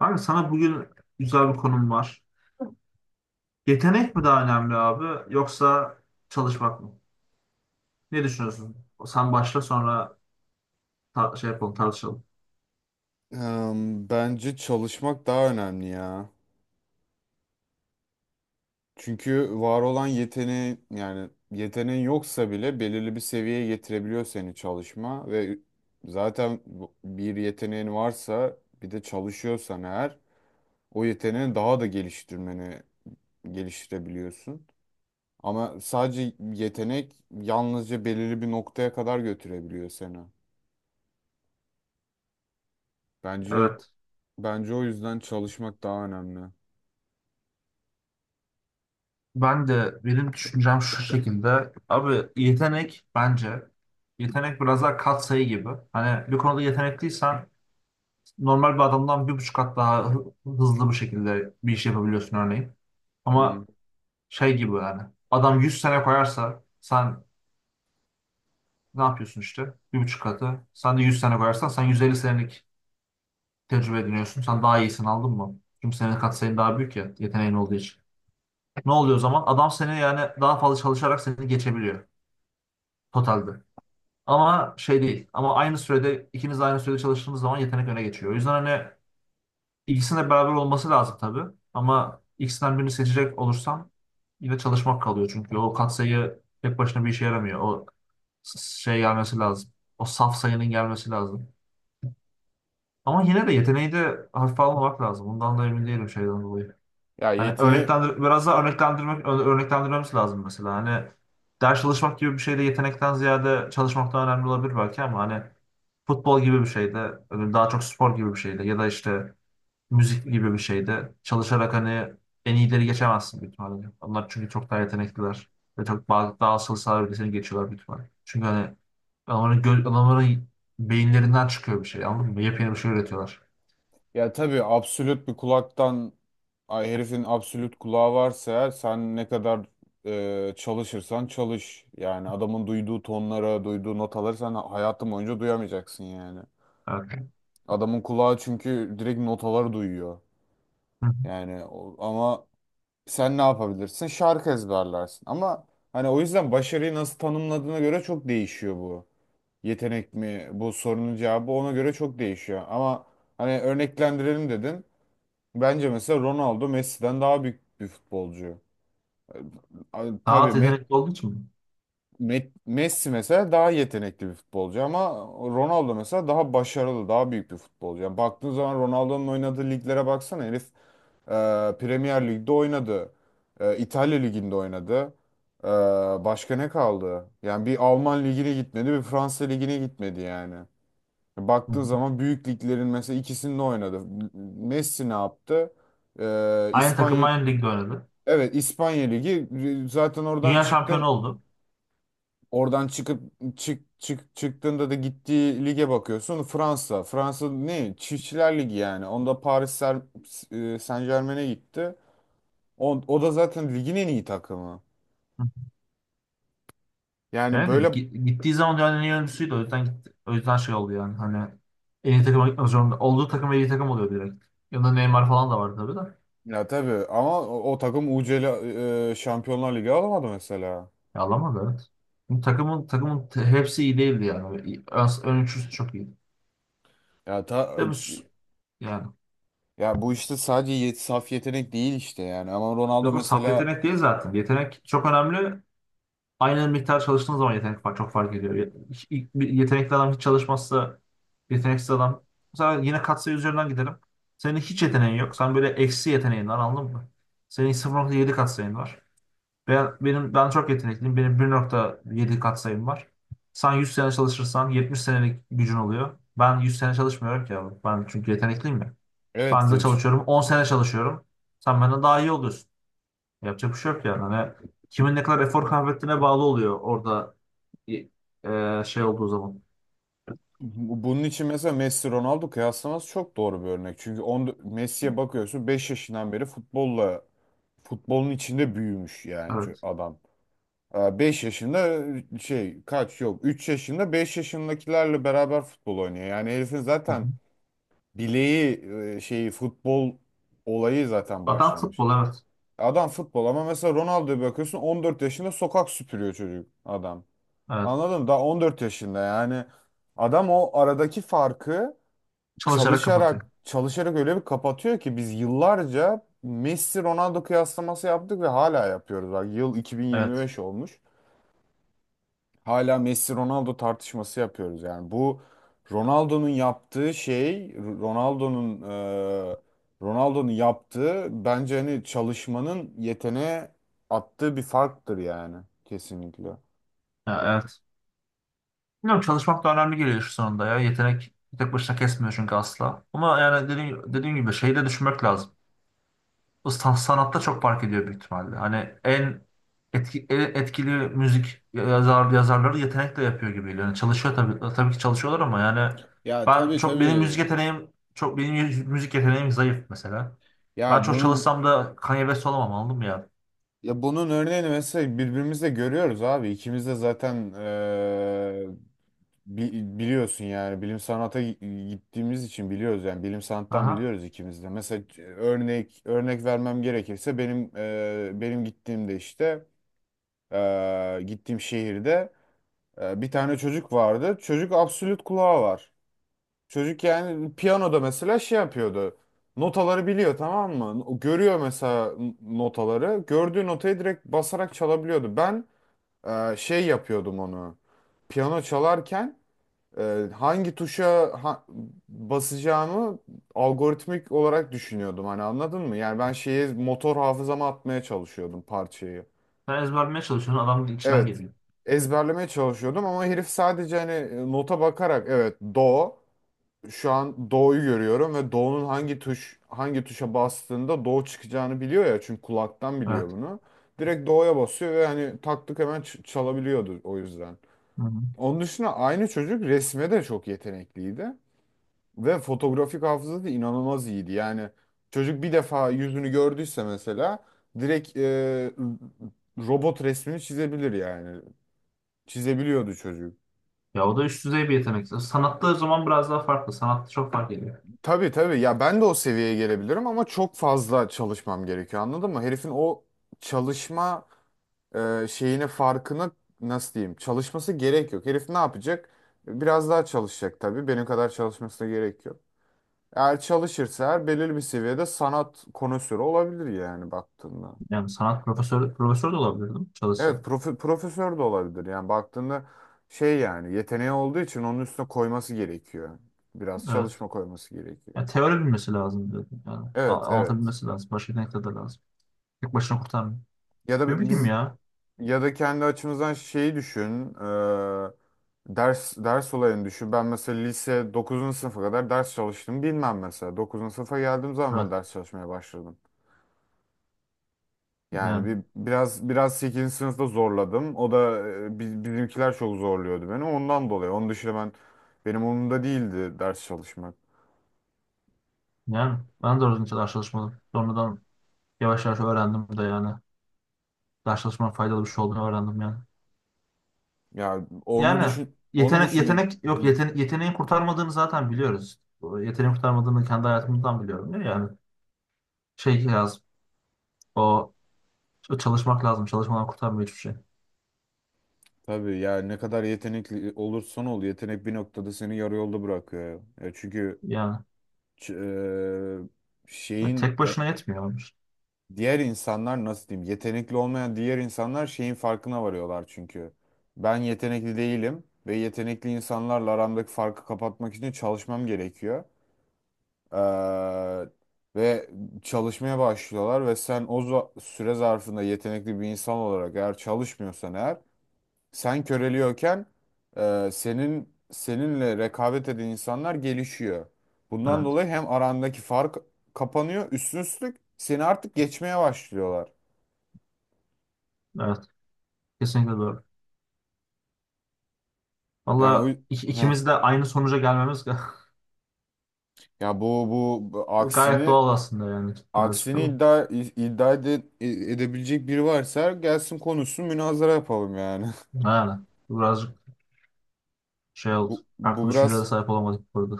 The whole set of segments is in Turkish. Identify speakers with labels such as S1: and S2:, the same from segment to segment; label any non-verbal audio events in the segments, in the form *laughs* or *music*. S1: Abi sana bugün güzel bir konum var. Yetenek mi daha önemli abi, yoksa çalışmak mı? Ne düşünüyorsun? Sen başla, sonra tar- şey yapalım tartışalım.
S2: Bence çalışmak daha önemli ya. Çünkü var olan yani yeteneğin yoksa bile belirli bir seviyeye getirebiliyor seni, çalışma ve zaten bir yeteneğin varsa bir de çalışıyorsan eğer o yeteneğini daha da geliştirebiliyorsun. Ama sadece yetenek yalnızca belirli bir noktaya kadar götürebiliyor seni. Bence
S1: Evet.
S2: bence o yüzden çalışmak daha önemli.
S1: Ben de, benim düşüncem şu şekilde. Abi, yetenek bence, biraz daha katsayı gibi. Hani bir konuda yetenekliysen, normal bir adamdan bir buçuk kat daha hızlı bir şekilde bir iş yapabiliyorsun örneğin.
S2: Hı.
S1: Ama şey gibi yani, adam 100 sene koyarsa sen, ne yapıyorsun işte? Bir buçuk katı. Sen de 100 sene koyarsan sen 150 senelik tecrübe ediniyorsun. Sen daha iyisin, aldın mı? Çünkü senin katsayın daha büyük ya, yeteneğin olduğu için. Ne oluyor o zaman? Adam seni, yani daha fazla çalışarak seni geçebiliyor totalde. Ama şey değil. Ama aynı sürede, ikiniz de aynı sürede çalıştığınız zaman yetenek öne geçiyor. O yüzden hani, ikisinin de beraber olması lazım tabii. Ama ikisinden birini seçecek olursam, yine çalışmak kalıyor. Çünkü o katsayı tek başına bir işe yaramıyor. O gelmesi lazım. O saf sayının gelmesi lazım. Ama yine de yeteneği de hafife almamak lazım. Bundan da emin değilim şeyden dolayı.
S2: Ya
S1: Hani
S2: yetine
S1: biraz daha örneklendirmemiz lazım mesela. Hani ders çalışmak gibi bir şeyde de yetenekten ziyade çalışmak daha önemli olabilir belki, ama hani futbol gibi bir şeyde, öyle daha çok spor gibi bir şeyde ya da işte müzik gibi bir şeyde çalışarak hani en iyileri geçemezsin büyük ihtimalle. Onlar çünkü çok daha yetenekliler ve daha asıl sahibi seni geçiyorlar büyük ihtimalle. Çünkü hani, adamların beyinlerinden çıkıyor bir şey, anladın mı? Yepyeni bir şey üretiyorlar.
S2: Ya tabii, absolut bir kulaktan ay herifin absolut kulağı varsa eğer, sen ne kadar çalışırsan çalış. Yani adamın duyduğu tonlara, duyduğu notaları sen hayatın boyunca duyamayacaksın yani.
S1: Evet.
S2: Adamın kulağı çünkü direkt notaları duyuyor.
S1: Hı hı.
S2: Yani ama sen ne yapabilirsin? Şarkı ezberlersin. Ama hani o yüzden başarıyı nasıl tanımladığına göre çok değişiyor bu. Yetenek mi, bu sorunun cevabı ona göre çok değişiyor. Ama hani, örneklendirelim dedin. Bence mesela Ronaldo Messi'den daha büyük bir futbolcu.
S1: Daha
S2: Tabii,
S1: az yetenekli olduğu için mi?
S2: Messi mesela daha yetenekli bir futbolcu ama Ronaldo mesela daha başarılı, daha büyük bir futbolcu. Yani baktığın zaman Ronaldo'nun oynadığı liglere baksana, herif e, Premier Lig'de oynadı. İtalya Ligi'nde oynadı. E, Başka ne kaldı? Yani bir Alman Ligi'ne gitmedi, bir Fransa Ligi'ne gitmedi yani.
S1: Hı hı.
S2: Baktığın zaman büyük liglerin mesela ikisinde oynadı. Messi ne yaptı?
S1: Aynı takım,
S2: İspanya
S1: aynı ligde oynadı.
S2: Evet, İspanya Ligi, zaten
S1: Dünya şampiyonu oldu.
S2: oradan çıkıp, çıktığında da gittiği lige bakıyorsun. Fransa ne, Çiftçiler Ligi yani. Onda Paris Saint-Germain'e gitti, o da zaten ligin en iyi takımı yani,
S1: Evet,
S2: böyle.
S1: gittiği zaman dünyanın en iyi oyuncusuydu. O yüzden gitti. O yüzden şey oldu yani. Hani en iyi takıma gitmek zorunda. Olduğu takım en iyi takım oluyor direkt. Yanında Neymar falan da vardı tabii de.
S2: Ya tabii ama o takım UCL, Şampiyonlar Ligi alamadı mesela.
S1: Ya, alamadı, evet. Bu takımın hepsi iyi değildi yani. Ön üçlüsü çok iyiydi.
S2: ya ta,
S1: Tabii yani.
S2: Ya bu işte sadece saf yetenek değil işte yani, ama Ronaldo
S1: Yok, o saf
S2: mesela.
S1: yetenek değil zaten. Yetenek çok önemli. Aynı miktar çalıştığınız zaman yetenek fark, çok fark ediyor. İlk bir yetenekli adam hiç çalışmazsa, yeteneksiz adam. Mesela yine katsayı üzerinden gidelim. Senin hiç yeteneğin yok. Sen böyle eksi yeteneğin var, anladın mı? Senin sıfır nokta yedi katsayın var. Ben çok yetenekliyim. Benim bir nokta yedi katsayım var. Sen 100 sene çalışırsan 70 senelik gücün oluyor. Ben 100 sene çalışmıyorum ki abi. Ben çünkü yetenekliyim ya.
S2: Evet.
S1: Ben de çalışıyorum, 10 sene çalışıyorum. Sen benden daha iyi oluyorsun. Yapacak bir şey yok yani. Hani kimin ne kadar efor kaybettiğine bağlı oluyor orada, y- şey olduğu zaman.
S2: Bunun için mesela Messi Ronaldo kıyaslaması çok doğru bir örnek. Çünkü Messi'ye bakıyorsun, 5 yaşından beri futbolun içinde büyümüş yani
S1: Evet.
S2: adam. Beş yaşında, şey, kaç, yok, 3 yaşında, 5 yaşındakilerle beraber futbol oynuyor. Yani herifin
S1: Hı hı.
S2: zaten bileği, şeyi, futbol olayı zaten
S1: Adam
S2: başlamış.
S1: futbol, evet.
S2: Adam futbol ama mesela Ronaldo'ya bakıyorsun, 14 yaşında sokak süpürüyor çocuk adam.
S1: Evet.
S2: Anladın mı? Daha 14 yaşında yani adam. O aradaki farkı
S1: Çalışarak kapatıyor.
S2: çalışarak çalışarak öyle bir kapatıyor ki biz yıllarca Messi Ronaldo kıyaslaması yaptık ve hala yapıyoruz. Bak yıl
S1: Evet.
S2: 2025 olmuş. Hala Messi Ronaldo tartışması yapıyoruz. Yani bu, Ronaldo'nun yaptığı şey, Ronaldo'nun e, Ronaldo'nun yaptığı bence hani çalışmanın yeteneğe attığı bir farktır yani, kesinlikle.
S1: Ya, evet. Bilmiyorum, çalışmak da önemli geliyor şu sonunda ya. Yetenek tek başına kesmiyor çünkü asla. Ama yani dediğim gibi şeyi de düşünmek lazım. Bu sanatta çok fark ediyor büyük ihtimalle. Hani en etkili yazarları yetenekle yapıyor gibi geliyor. Yani çalışıyor tabii, tabii ki çalışıyorlar ama yani,
S2: Ya tabii
S1: benim müzik
S2: tabii.
S1: yeteneğim çok, müzik yeteneğim zayıf mesela. Ben
S2: Ya
S1: çok
S2: bunun
S1: çalışsam da Kanye West olamam, anladın mı ya?
S2: Ya bunun örneğini mesela birbirimizle görüyoruz abi. İkimiz de zaten biliyorsun yani, bilim sanata gittiğimiz için biliyoruz yani, bilim sanattan
S1: Aha.
S2: biliyoruz ikimiz de. Mesela örnek vermem gerekirse, benim benim gittiğimde işte, gittiğim şehirde, bir tane çocuk vardı. Çocuk absolut kulağı var. Çocuk yani, piyanoda mesela şey yapıyordu. Notaları biliyor tamam mı? O görüyor mesela notaları. Gördüğü notayı direkt basarak çalabiliyordu. Ben şey yapıyordum onu. Piyano çalarken, hangi tuşa basacağımı algoritmik olarak düşünüyordum. Hani, anladın mı? Yani ben şeyi motor hafızama atmaya çalışıyordum, parçayı.
S1: Sen ezberlemeye çalışıyorsun, adam içinden
S2: Evet.
S1: geliyor.
S2: Ezberlemeye çalışıyordum ama herif sadece hani nota bakarak, evet do, şu an doğuyu görüyorum ve doğunun hangi tuşa bastığında doğu çıkacağını biliyor ya, çünkü kulaktan biliyor
S1: Evet.
S2: bunu. Direkt doğuya basıyor ve hani taktık, hemen çalabiliyordu o yüzden.
S1: Hı-hı.
S2: Onun dışında aynı çocuk resme de çok yetenekliydi ve fotografik hafızası da inanılmaz iyiydi. Yani çocuk bir defa yüzünü gördüyse mesela direkt robot resmini çizebilir yani. Çizebiliyordu çocuk.
S1: Ya, o da üst düzey bir yetenek. Sanatta o zaman biraz daha farklı. Sanatta çok fark ediyor.
S2: Tabii tabii ya, ben de o seviyeye gelebilirim ama çok fazla çalışmam gerekiyor, anladın mı? Herifin o çalışma şeyine, farkına, nasıl diyeyim, çalışması gerek yok. Herif ne yapacak? Biraz daha çalışacak tabii, benim kadar çalışmasına gerek yok. Eğer çalışırsa her belirli bir seviyede sanat konusörü olabilir yani, baktığında.
S1: Yani profesör de olabilirdim çalışsa.
S2: Evet, profesör de olabilir yani baktığında, şey yani, yeteneği olduğu için onun üstüne koyması gerekiyor. Biraz
S1: Evet.
S2: çalışma koyması gerekiyor.
S1: Ya teori bilmesi lazım dedim. Yani
S2: Evet evet.
S1: anlatabilmesi lazım. Başka yetenekler de lazım. Tek başına kurtarmıyor.
S2: Ya
S1: Ne
S2: da
S1: bileyim
S2: biz
S1: ya.
S2: Ya da kendi açımızdan şeyi düşün. Ders olayını düşün. Ben mesela lise 9. sınıfa kadar ders çalıştım. Bilmem, mesela 9. sınıfa geldiğim zaman ben
S1: Evet.
S2: ders çalışmaya başladım. Yani
S1: Yani,
S2: bir biraz 8. sınıfta zorladım. O da bizimkiler çok zorluyordu beni, ondan dolayı. Onun dışında benim umurumda değildi ders çalışmak.
S1: yani ben de orada hiç ders çalışmadım. Sonradan yavaş yavaş öğrendim de yani. Ders çalışmanın faydalı bir şey olduğunu öğrendim yani.
S2: Ya onu
S1: Yani
S2: düşün, onu
S1: yetenek,
S2: düşünün.
S1: yetenek yok
S2: Hı,
S1: yeten, yeteneğin kurtarmadığını zaten biliyoruz. O, yeteneğin kurtarmadığını kendi hayatımdan biliyorum ya yani. Şey lazım. O o çalışmak lazım. Çalışmadan kurtarmıyor hiçbir şey.
S2: tabii ya, ne kadar yetenekli olursan ol, yetenek bir noktada seni yarı yolda bırakıyor. Ya çünkü,
S1: Yani
S2: Ç- e, şeyin
S1: tek
S2: ya,
S1: başına yetmiyor, olmuş.
S2: diğer insanlar nasıl diyeyim, yetenekli olmayan diğer insanlar şeyin farkına varıyorlar çünkü. Ben yetenekli değilim ve yetenekli insanlarla aramdaki farkı kapatmak için çalışmam gerekiyor. Ee, Ve çalışmaya başlıyorlar ve sen süre zarfında yetenekli bir insan olarak eğer çalışmıyorsan, eğer sen köreliyorken, seninle rekabet eden insanlar gelişiyor. Bundan
S1: Evet.
S2: dolayı hem arandaki fark kapanıyor, üstün üstlük seni artık geçmeye başlıyorlar.
S1: Evet. Kesinlikle doğru.
S2: Yani o,
S1: Valla
S2: heh.
S1: ikimiz de aynı sonuca gelmemiz
S2: Ya bu
S1: *laughs* gayet
S2: aksini
S1: doğal aslında yani, birazcık
S2: aksini
S1: ama.
S2: iddia edebilecek biri varsa gelsin konuşsun, münazara yapalım yani.
S1: Ha, birazcık şey
S2: *laughs*
S1: oldu.
S2: Bu
S1: Farklı
S2: bu
S1: düşüncelere
S2: biraz
S1: sahip olamadık burada.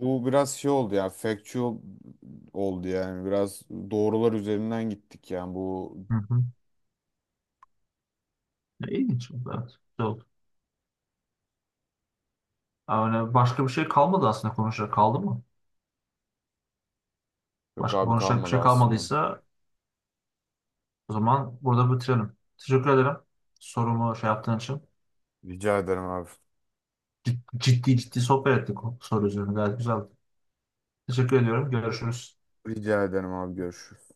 S2: bu biraz şey oldu ya, factual oldu yani, biraz doğrular üzerinden gittik yani bu.
S1: Hı hı. Ne ilginç oldu, evet. Güzel oldu. Yani başka bir şey kalmadı aslında, konuşacak kaldı mı?
S2: Yok
S1: Başka
S2: abi,
S1: konuşacak bir
S2: kalmadı
S1: şey
S2: aslında.
S1: kalmadıysa, o zaman burada bitirelim. Teşekkür ederim sorumu şey yaptığın için.
S2: Rica ederim abi.
S1: Ciddi ciddi sohbet ettik, o soru üzerine gayet güzeldi. Teşekkür ediyorum. Görüşürüz.
S2: Rica ederim abi. Görüşürüz.